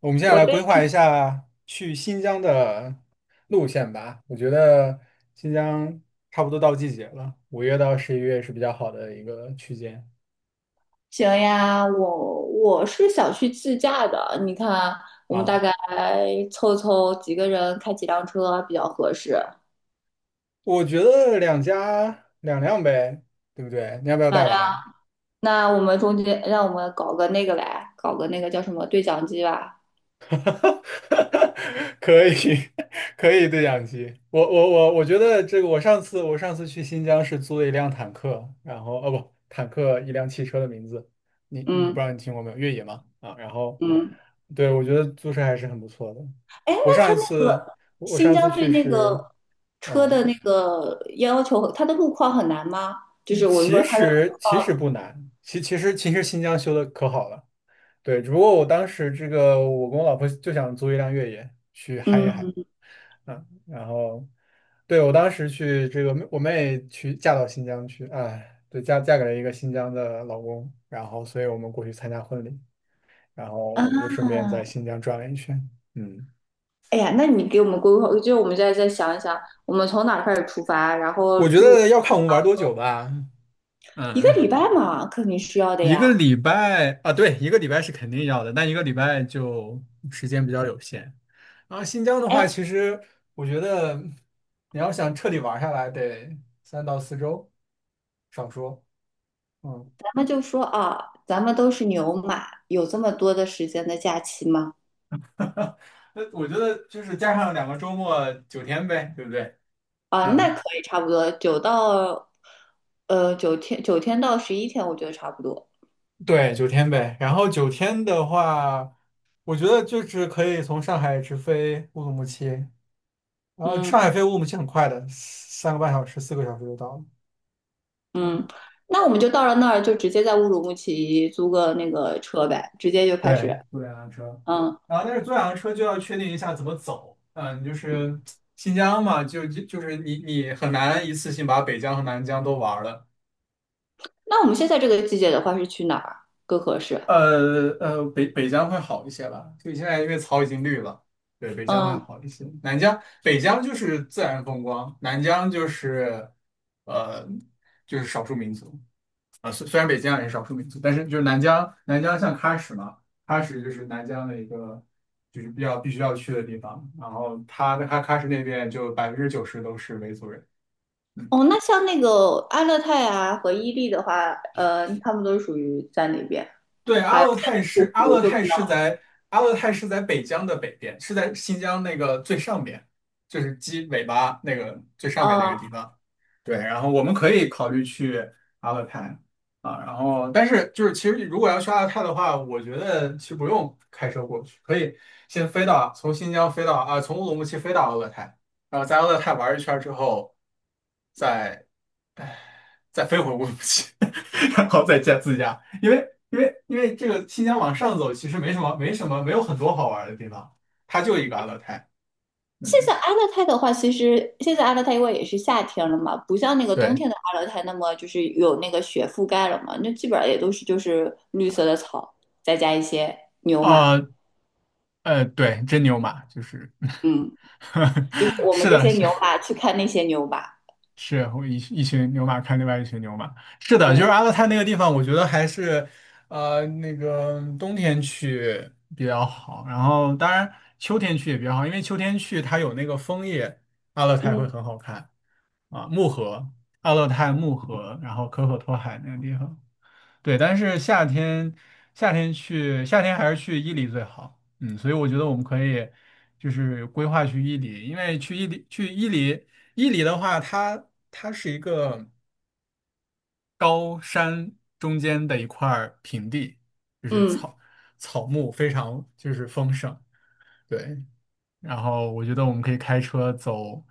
我们现在来对，规划一行下去新疆的路线吧。我觉得新疆差不多到季节了，5月到11月是比较好的一个区间呀，我是想去自驾的。你看，我们大啊。概凑凑几个人，开几辆车比较合适。我觉得两家两辆呗，对不对？你要不要好，带那娃？我们中间，让我们搞个那个来，搞个那个叫什么对讲机吧。可以，可以对讲机。我觉得这个，我上次去新疆是租了一辆坦克，然后哦不，坦克一辆汽车的名字，我不知嗯道你听过没有？越野嘛啊，然后嗯。对我觉得租车还是很不错的。哎，我那上他一那次个我我新上次疆对去那是个车啊，的那个要求，它的路况很难吗？就嗯是我就其说它的。实其实不难，其实新疆修的可好了，对，只不过我当时这个我跟我老婆就想租一辆越野去嗨一嗨。嗯然后对我当时去这个，我妹去嫁到新疆去，哎，对，嫁给了一个新疆的老公，然后所以我们过去参加婚礼，然后啊。我们就顺便在新疆转了一圈。嗯，哎呀，那你给我们规划，就是我们再想一想，我们从哪儿开始出发，然后我觉路。得要看我们玩多久吧。一个嗯，礼拜嘛，肯定需要的一个呀。礼拜啊，对，一个礼拜是肯定要的，但一个礼拜就时间比较有限。然后新疆的话，哎，其实我觉得你要想彻底玩下来，得3到4周，少说。嗯。咱们就说啊，咱们都是牛马，有这么多的时间的假期吗？那我觉得就是加上2个周末，九天呗，对不对？啊，那嗯，可以差不多，九到九天，九天到11天，我觉得差不多。对，九天呗。然后九天的话，我觉得就是可以从上海直飞乌鲁木齐，然后上嗯海飞乌鲁木齐很快的，3个半小时、4个小时就到了。嗯，嗯。那我们就到了那儿，就直接在乌鲁木齐租个那个车呗，直接就开对，始。坐两辆车。嗯，然后但是坐两辆车就要确定一下怎么走。嗯，就是新疆嘛，就是你很难一次性把北疆和南疆都玩了。那我们现在这个季节的话是去哪儿更合适？北疆会好一些吧，所以现在因为草已经绿了，对，北疆会嗯。好一些。南疆，北疆就是自然风光，南疆就是呃就是少数民族啊，虽然北疆也是少数民族，但是就是南疆，南疆像喀什嘛，喀什就是南疆的一个就是比较必须要去的地方，然后它的喀什那边就90%都是维族人。哦，那像那个阿勒泰啊和伊利的话，他们都属于在那边。对，还有护肤就比较，阿勒泰是在北疆的北边，是在新疆那个最上边，就是鸡尾巴那个最上面那个呃，地方。对，然后我们可以考虑去阿勒泰啊，然后但是就是其实如果要去阿勒泰的话，我觉得其实不用开车过去，可以先飞到从新疆飞到啊，从乌鲁木齐飞到阿勒泰，然后在阿勒泰玩一圈之后，再再飞回乌鲁木齐，然后再加自驾，因为这个新疆往上走其实没什么没什么没有很多好玩的地方，它就一个阿勒泰。现嗯，在阿勒泰的话，其实现在阿勒泰因为也是夏天了嘛，不像那个冬对，天的阿勒泰那么就是有那个雪覆盖了嘛，那基本上也都是就是绿色的草，再加一些牛马。呃对，真牛马，就是 嗯，就是 我们是这的，些是。牛马去看那些牛马。是会一群牛马看另外一群牛马，是的，就是对。阿勒泰那个地方，我觉得还是那个冬天去比较好，然后当然秋天去也比较好，因为秋天去它有那个枫叶，阿勒泰会嗯很好看啊，木河、阿勒泰木河，然后可可托海那个地方。对，但是夏天还是去伊犁最好。嗯，所以我觉得我们可以就是规划去伊犁，因为去伊犁去伊犁伊犁的话，它是一个高山中间的一块儿平地，就是嗯，草木非常就是丰盛。对，然后我觉得我们可以开车走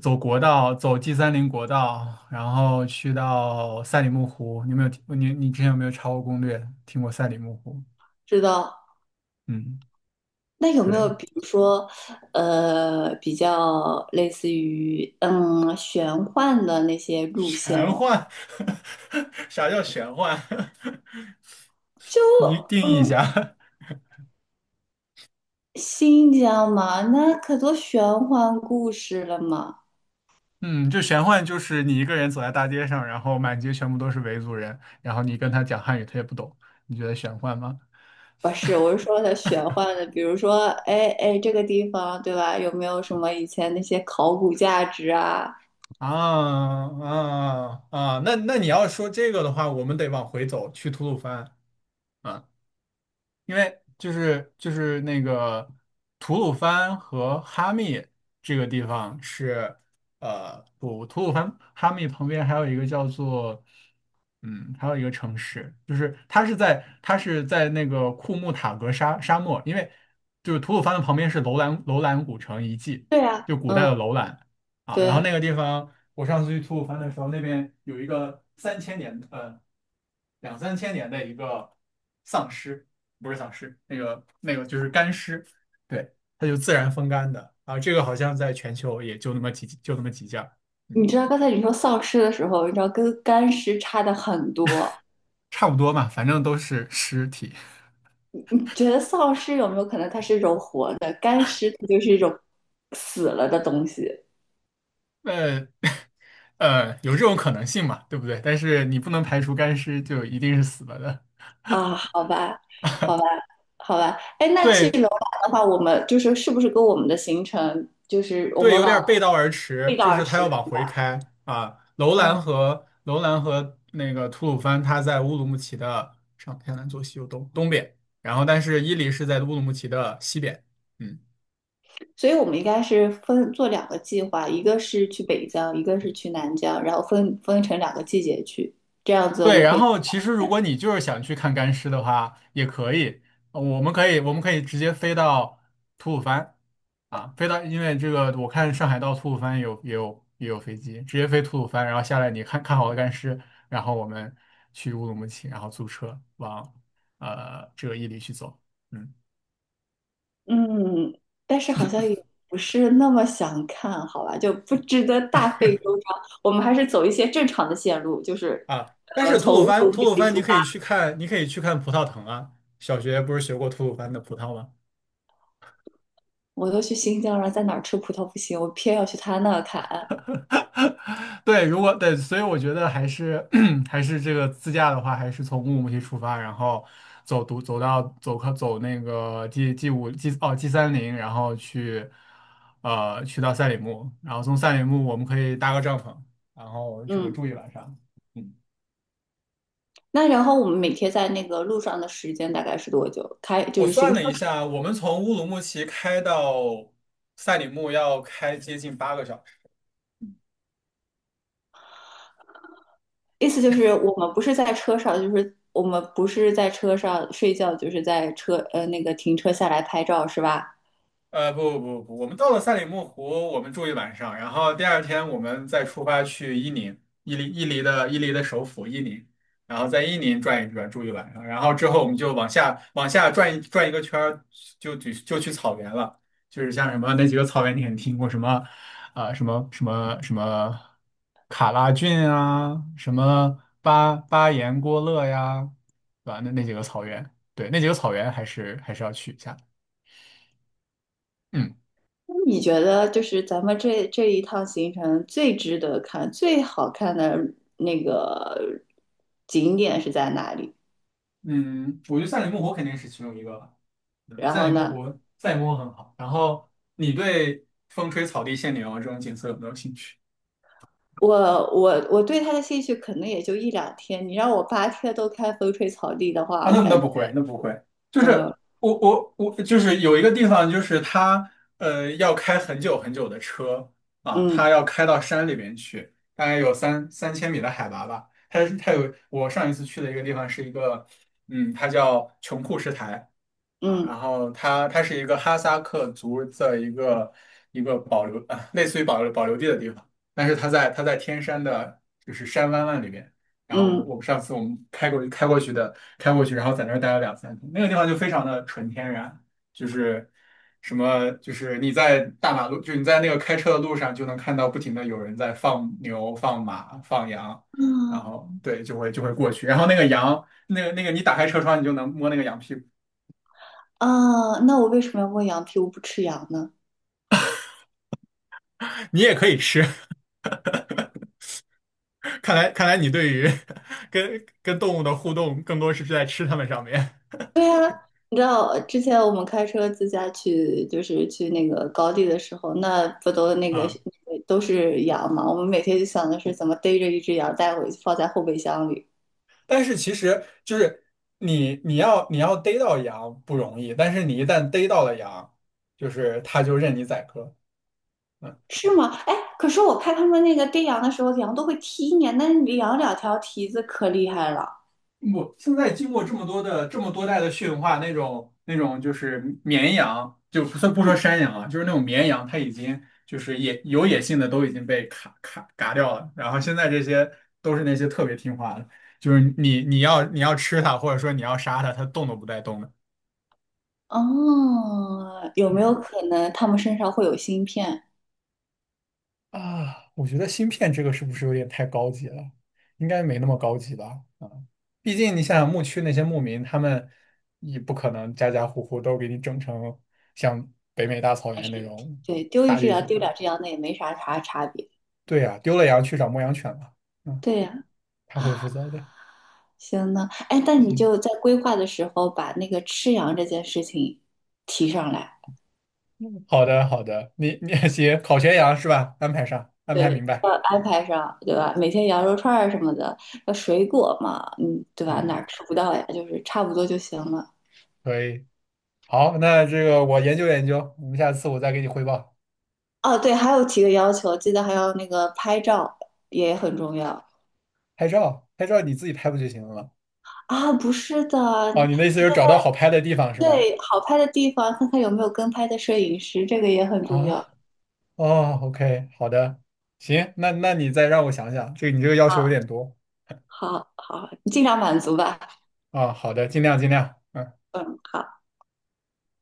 走国道，走 G 三零国道，然后去到赛里木湖。你有没有听？你之前有没有查过攻略？听过赛里木湖？知道。嗯，那有没有对，比如说，比较类似于玄幻的那些路线玄呀、幻，啥叫玄幻？就 你定义一嗯。下。新疆嘛，那可多玄幻故事了嘛。嗯，就玄幻就是你一个人走在大街上，然后满街全部都是维族人，然后你跟他讲汉语，他也不懂。你觉得玄幻吗？不是，我是说的玄幻的，比如说，哎哎，这个地方对吧？有没有什么以前那些考古价值啊？啊啊啊！啊那你要说这个的话，我们得往回走，去吐鲁番啊。因为就是那个吐鲁番和哈密这个地方是不吐鲁番哈密旁边还有一个叫做还有一个城市，就是它是在那个库木塔格沙漠，因为就是吐鲁番的旁边是楼兰古城遗迹，对啊，就古代嗯，的楼兰啊，然后对。那个地方我上次去吐鲁番的时候，那边有一个三千年两三千年的一个丧尸。不是丧尸，那个就是干尸，对，它就自然风干的啊。这个好像在全球也就那么几就那么几件儿，你嗯，知道刚才你说丧尸的时候，你知道跟干尸差的很多。差不多嘛，反正都是尸体。你觉得丧尸有没有可能它是一种活的，干尸它就是一种死了的东西？那有这种可能性嘛，对不对？但是你不能排除干尸就一定是死了的。啊，好吧，好吧，好吧。哎，那去对楼兰的话，我们就是是不是跟我们的行程，就是我对，们有往点背道而驰，背道就而是他驰，要往对回吧？开啊。楼兰哦，和楼兰和那个吐鲁番，他在乌鲁木齐的上天南左西右东边，然后但是伊犁是在乌鲁木齐的西边。嗯。所以我们应该是分做两个计划，一个是去北疆，一个是去南疆，然后分成两个季节去，这样子我对，们可然以。后其实如果你就是想去看干尸的话，也可以，我们可以直接飞到吐鲁番啊，飞到，因为这个我看上海到吐鲁番也有飞机，直接飞吐鲁番，然后下来你看看好了干尸，然后我们去乌鲁木齐，然后租车往这个伊犁去走，嗯嗯，但是好像也不是那么想看，好吧，就不值得大费周章。我们还是走一些正常的线路，就是啊，但是吐从鲁乌番鲁木吐鲁齐番你出可发。以去看，你可以去看葡萄藤啊，小学不是学过吐鲁番的葡萄吗？我都去新疆了，在哪儿吃葡萄不行，我偏要去他那儿砍。对，如果对，所以我觉得还是 还是这个自驾的话，还是从乌鲁木齐出发，然后走独走到走靠走那个 G G 五 G 哦 G30，然后去去到赛里木，然后从赛里木我们可以搭个帐篷，然后这个嗯，住一晚上。嗯，那然后我们每天在那个路上的时间大概是多久？就我是行算车了一时间。下，我们从乌鲁木齐开到赛里木要开接近8个小时。意思就是我们不是在车上，就是我们不是在车上睡觉，就是在车那个停车下来拍照是吧？不不不，我们到了赛里木湖，我们住一晚上，然后第二天我们再出发去伊宁，伊犁的首府伊宁，然后在伊宁转一转，住一晚上，然后之后我们就往下转一转一个圈儿，就去草原了，就是像什么那几个草原，你肯定听过什么，啊、什么卡拉峻啊，什么巴彦郭勒呀，对吧？那几个草原，对，那几个草原还是要去一下。嗯。那你觉得就是咱们这一趟行程最值得看、最好看的那个景点是在哪里？嗯，我觉得《赛里木湖》肯定是其中一个吧。嗯然赛后里木呢？湖》《赛里木湖》很好。然后你对风吹草低见牛这种景色有没有兴趣？我我对他的兴趣可能也就一两天，你让我8天都看风吹草低的话，啊，我那感觉不会，那不会。就呃是我，就是有一个地方，就是它要开很久很久的车啊，嗯它要开到山里面去，大概有3000米的海拔吧。它它有我上一次去的一个地方是一个，它叫琼库什台。啊，嗯然后它是一个哈萨克族的一个保留啊，类似于保留地的地方，但是它在天山的，就是山湾湾里面。然后我嗯我上次我们开过去的，开过去，然后在那儿待了两三天，那个地方就非常的纯天然，就是你在大马路，就是你在那个开车的路上就能看到不停的有人在放牛、放马、放羊，然啊后对就会过去，然后那个羊，那个你打开车窗你就能摸那个羊屁股。啊。那我为什么要问羊皮？我不吃羊呢？你也可以吃，看来你对于 跟动物的互动更多是在吃它们上面你知道之前我们开车自驾去，就是去那个高地的时候，那不都那个啊。那个都是羊嘛？我们每天就想的是怎么逮着一只羊带回去，放在后备箱里。但是其实就是你要逮到羊不容易，但是你一旦逮到了羊，就是它就任你宰割。是吗？哎，可是我看他们那个逮羊的时候，羊都会踢你，那羊两条蹄子可厉害了。我现在经过这么多代的驯化，那种就是绵羊，就不算不说嗯。山羊啊，就是那种绵羊，它已经就是有野性的都已经被卡嘎掉了。然后现在这些都是那些特别听话的，就是你要吃它，或者说你要杀它，它动都不带动的。哦，有没有嗯，可能他们身上会有芯片？啊，我觉得芯片这个是不是有点太高级了？应该没那么高级吧？毕竟你想想牧区那些牧民，他们也不可能家家户户都给你整成像北美大草还原那是种对，丢一大只地羊主丢吧？两只羊，那也没啥差别。对呀、丢了羊去找牧羊犬吧，嗯，对呀，他会负责的。行呢。哎，那你行，就在规划的时候把那个吃羊这件事情提上来。嗯好的好的，你 行，烤全羊是吧？安排上，安排对，明要白。安排上，对吧？每天羊肉串儿什么的，要水果嘛，嗯，对吧？哪嗯，儿吃不到呀？就是差不多就行了。可以。好，那这个我研究研究，我们下次我再给你汇报。哦，对，还有提个要求，记得还要那个拍照也很重要。拍照，拍照你自己拍不就行了吗？啊，不是的，哦，你的意思就是找到好拍的地方是吗？对，好拍的地方，看看有没有跟拍的摄影师，这个也很重要。啊。哦，OK,好的，行，那你再让我想想，你这个要啊，求有点多好，好，好，尽量满足吧。啊，好的，尽量尽量。嗯。嗯，好。